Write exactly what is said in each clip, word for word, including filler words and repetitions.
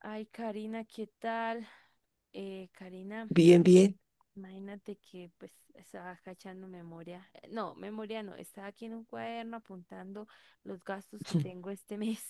Ay, Karina, ¿qué tal? Eh, Karina, Bien, bien. imagínate que pues estaba cachando memoria, eh, no, memoria no, estaba aquí en un cuaderno apuntando los gastos que tengo este mes,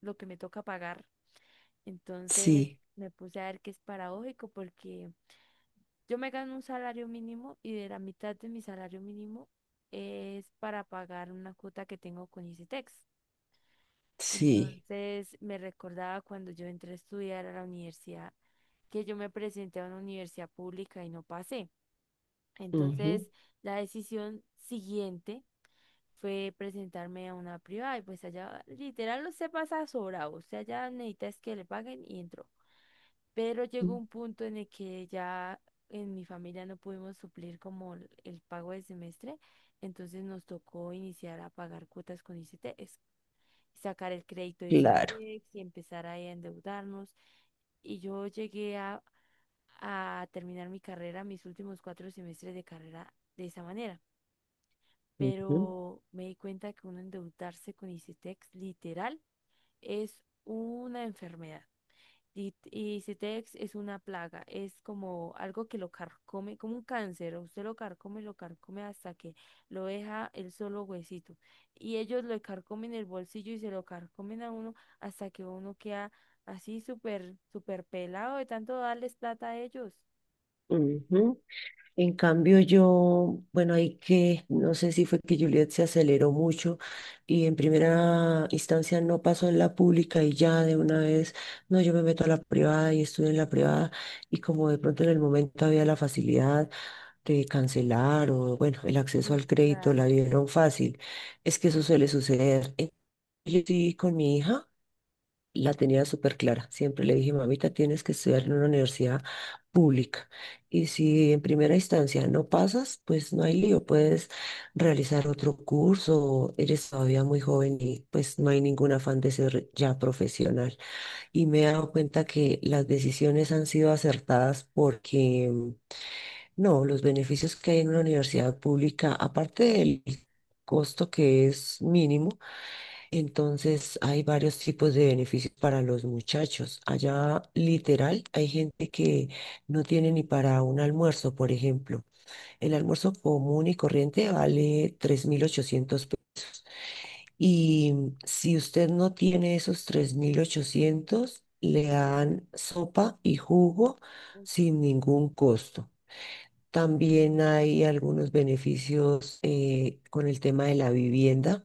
lo que me toca pagar. Entonces Sí, me puse a ver que es paradójico porque yo me gano un salario mínimo y de la mitad de mi salario mínimo es para pagar una cuota que tengo con Icitex. sí. Entonces me recordaba cuando yo entré a estudiar a la universidad que yo me presenté a una universidad pública y no pasé. Ujú. Entonces la decisión siguiente fue presentarme a una privada y pues allá literal usted pasa sobrado, usted allá necesitas que le paguen y entró. Pero llegó Mm. un punto en el que ya en mi familia no pudimos suplir como el el pago del semestre, entonces nos tocó iniciar a pagar cuotas con I C T, sacar el crédito de Claro. Icetex y empezar ahí a endeudarnos. Y yo llegué a, a terminar mi carrera, mis últimos cuatro semestres de carrera de esa manera. Ujú. Pero me di cuenta que uno endeudarse con Icetex literal es una enfermedad. Y, y Citex es una plaga, es como algo que lo carcome, como un cáncer, usted lo carcome, lo carcome hasta que lo deja el solo huesito. Y ellos lo carcomen el bolsillo y se lo carcomen a uno hasta que uno queda así súper, súper pelado de tanto darles plata a ellos. Ujú. En cambio, yo, bueno, hay que, no sé si fue que Juliet se aceleró mucho y en primera instancia no pasó en la pública y ya de una vez, no, yo me meto a la privada y estudio en la privada y como de pronto en el momento había la facilidad de cancelar o, bueno, el acceso al Sí, crédito la claro. vieron fácil. Es que eso suele suceder. Entonces, yo sí, con mi hija. La tenía súper clara. Siempre le dije, mamita, tienes que estudiar en una universidad pública. Y si en primera instancia no pasas, pues no hay lío. Puedes realizar otro curso. Eres todavía muy joven y pues no hay ningún afán de ser ya profesional. Y me he dado cuenta que las decisiones han sido acertadas porque, mm, no, los beneficios que hay en una universidad pública, aparte del costo que es mínimo, entonces hay varios tipos de beneficios para los muchachos. Allá literal hay gente que no tiene ni para un almuerzo, por ejemplo. El almuerzo común y corriente vale tres mil ochocientos pesos. Y si usted no tiene esos tres mil ochocientos le dan sopa y jugo sin ningún costo. También hay algunos beneficios eh, con el tema de la vivienda,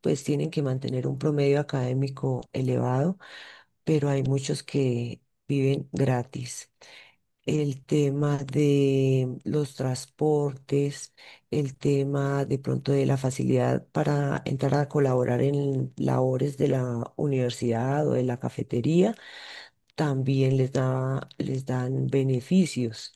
pues tienen que mantener un promedio académico elevado, pero hay muchos que viven gratis. El tema de los transportes, el tema de pronto de la facilidad para entrar a colaborar en labores de la universidad o de la cafetería, también les da, les dan beneficios.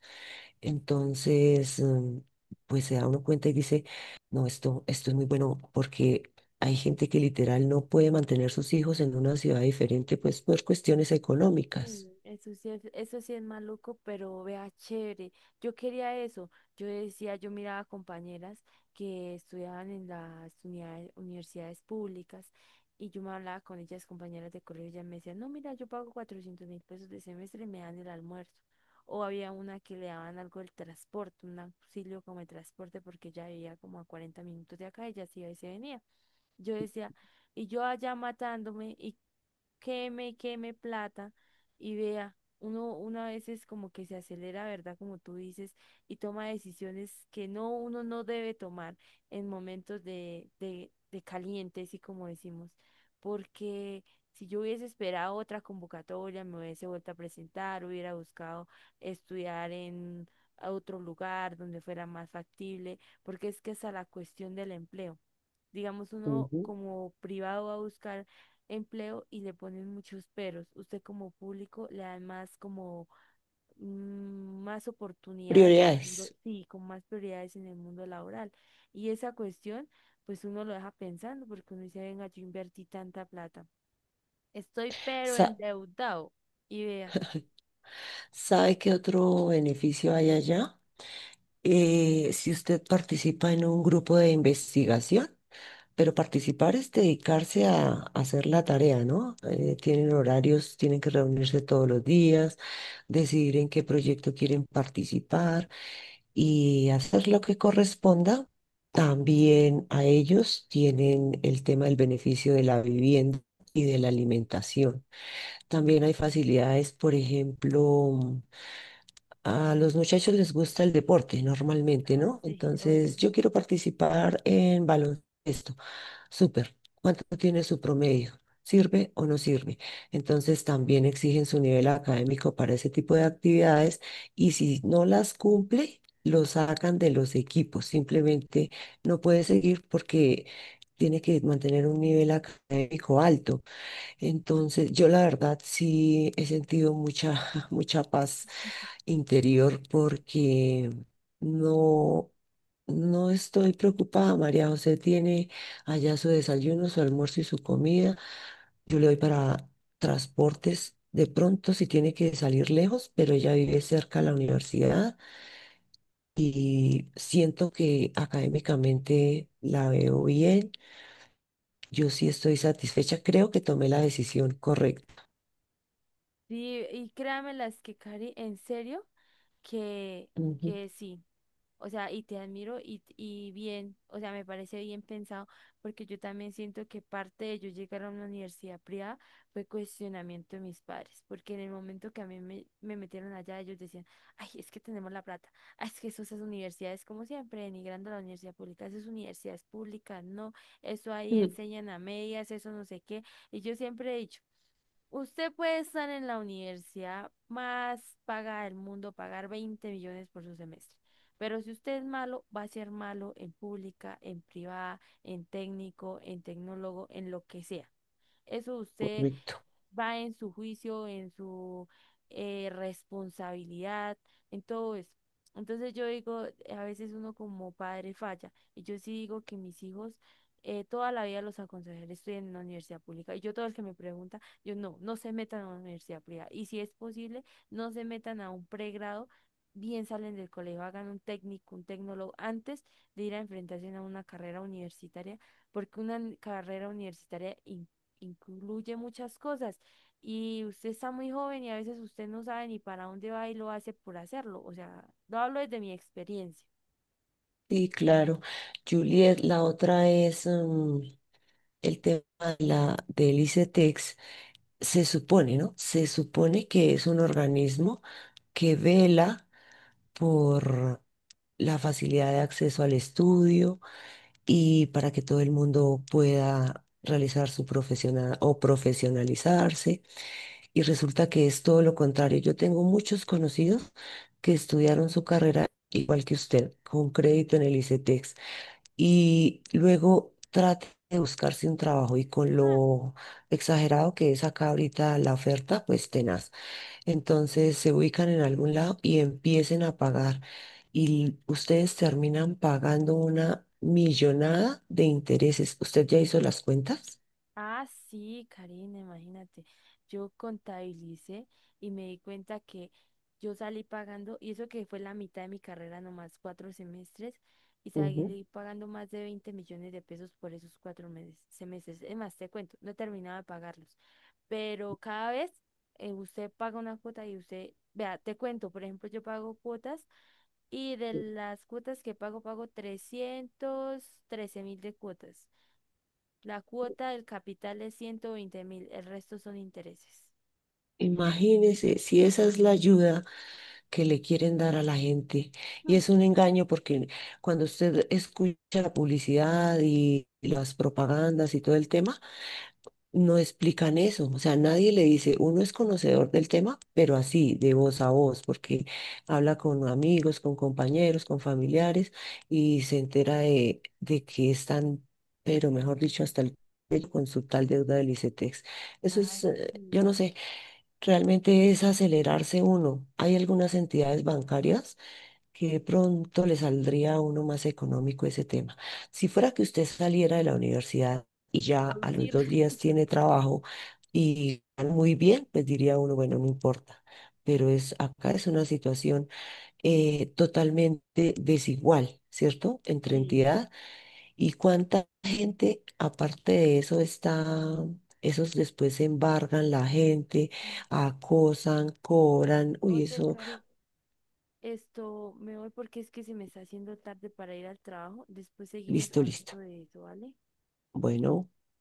Entonces, mm, pues se da uno cuenta y dice, no, esto, esto es muy bueno porque hay gente que literal no puede mantener sus hijos en una ciudad diferente, pues por cuestiones económicas. Mm, eso sí es, eso sí es maluco, pero vea, chévere. Yo quería eso. Yo decía, yo miraba compañeras que estudiaban en las unidades- universidades públicas y yo me hablaba con ellas, compañeras de colegio, y ellas me decían, no, mira, yo pago cuatrocientos mil pesos de semestre y me dan el almuerzo. O había una que le daban algo del transporte, un auxilio como el transporte, porque ella vivía como a cuarenta minutos de acá, ella se iba y se venía. Yo decía, y yo allá matándome y queme y queme plata y vea, uno, uno a veces como que se acelera, ¿verdad? Como tú dices, y toma decisiones que no, uno no debe tomar en momentos de, de, de calientes, y como decimos, porque si yo hubiese esperado otra convocatoria, me hubiese vuelto a presentar, hubiera buscado estudiar en a otro lugar donde fuera más factible, porque es que esa es la cuestión del empleo. Digamos, uno Ujú. como privado va a buscar empleo y le ponen muchos peros. Usted como público le dan más como mm, más oportunidades, al mundo- Prioridades. sí, con más prioridades en el mundo laboral. Y esa cuestión, pues uno lo deja pensando porque uno dice, venga, yo invertí tanta plata. Estoy pero Sa- endeudado. Y vea. ¿Sabe qué otro beneficio hay allá? Eh, si usted participa en un grupo de investigación, pero participar es dedicarse a, a hacer la tarea, ¿no? Eh, tienen horarios, tienen que reunirse todos los días, decidir en qué proyecto quieren participar y hacer lo que corresponda. También a ellos tienen el tema del beneficio de la vivienda y de la alimentación. También hay facilidades, por ejemplo, a los muchachos les gusta el deporte normalmente, Ah, ¿no? sí, obvio. Entonces, yo quiero participar en baloncesto. Súper. ¿Cuánto tiene su promedio? ¿Sirve o no sirve? Entonces también exigen su nivel académico para ese tipo de actividades y, si no las cumple, lo sacan de los equipos. Simplemente no puede seguir porque tiene que mantener un nivel académico alto. Entonces, yo la verdad sí he sentido mucha, mucha paz interior, porque no, no estoy preocupada. María José tiene allá su desayuno, su almuerzo y su comida. Yo le doy para transportes de pronto si tiene que salir lejos, pero ella vive cerca de la universidad y siento que académicamente la veo bien. Yo sí estoy satisfecha. Creo que tomé la decisión correcta. Sí, y créanme las que, Cari, en serio, que, Ujú. que sí. O sea, y te admiro y, y bien, o sea, me parece bien pensado, porque yo también siento que parte de yo llegar a una universidad privada fue cuestionamiento de mis padres, porque en el momento que a mí me, me metieron allá, ellos decían, ay, es que tenemos la plata, ay, es que eso, esas universidades, como siempre, denigrando a la universidad pública, esas universidades públicas, no, eso ahí Mm. enseñan a medias, eso no sé qué, y yo siempre he dicho, usted puede estar en la universidad más paga del mundo, pagar veinte millones por su semestre. Pero si usted es malo, va a ser malo en pública, en privada, en técnico, en tecnólogo, en lo que sea. Eso usted Correcto. va en su juicio, en su eh, responsabilidad, en todo eso. Entonces yo digo, a veces uno como padre falla. Y yo sí digo que mis hijos eh, toda la vida los aconsejaré, estoy en una universidad pública. Y yo todo el que me pregunta, yo no, no se metan a una universidad privada. Y si es posible, no se metan a un pregrado. Bien salen del colegio, hagan un técnico, un tecnólogo, antes de ir a enfrentarse a una carrera universitaria, porque una carrera universitaria in- incluye muchas cosas. Y usted está muy joven y a veces usted no sabe ni para dónde va y lo hace por hacerlo. O sea, lo hablo desde mi experiencia. Sí, claro. Juliet, la otra es, mm, el tema de la, del ICETEX, se supone, ¿no? Se supone que es un organismo que vela por la facilidad de acceso al estudio y para que todo el mundo pueda realizar su profesional o profesionalizarse. Y resulta que es todo lo contrario. Yo tengo muchos conocidos que estudiaron su carrera igual que usted, con crédito en el ICETEX, y luego trate de buscarse un trabajo y, con Ah, lo exagerado que es acá ahorita la oferta, pues tenaz. Entonces se ubican en algún lado y empiecen a pagar y ustedes terminan pagando una millonada de intereses. ¿Usted ya hizo las cuentas? Ah, sí, Karina, imagínate. Yo contabilicé y me di cuenta que yo salí pagando, y eso que fue la mitad de mi carrera, nomás cuatro semestres, y Ujú. salí pagando más de veinte millones de pesos por esos cuatro meses, semestres. Es más, te cuento, no terminaba de pagarlos. Pero cada vez eh, usted paga una cuota y usted, vea, te cuento, por ejemplo, yo pago cuotas. Y de las cuotas que pago, pago trescientos trece mil de cuotas. La cuota del capital es ciento veinte mil, el resto son intereses. Imagínese si esa es la ayuda que le quieren dar a la gente. Y Mm. es un engaño porque cuando usted escucha la publicidad y las propagandas y todo el tema, no explican eso, o sea, nadie le dice, uno es conocedor del tema, pero así, de voz a voz, porque habla con amigos, con compañeros, con familiares y se entera de, de que están, pero mejor dicho, hasta el cuello con su tal deuda del ICETEX. Eso es, Ay, eh, yo sí. no sé, realmente es acelerarse uno. Hay algunas entidades bancarias que de pronto le saldría a uno más económico ese tema. Si fuera que usted saliera de la universidad y ya a los Producir. dos días tiene trabajo y gana muy bien, pues diría uno, bueno, no importa. Pero es, acá es una situación eh, totalmente desigual, ¿cierto? Entre Sí. entidad y cuánta gente, aparte de eso, está... Esos después embargan la gente, acosan, cobran, uy, Oye, eso, Cari, esto, me voy porque es que se me está haciendo tarde para ir al trabajo. Después seguimos listo, listo. hablando de eso, ¿vale? Bueno.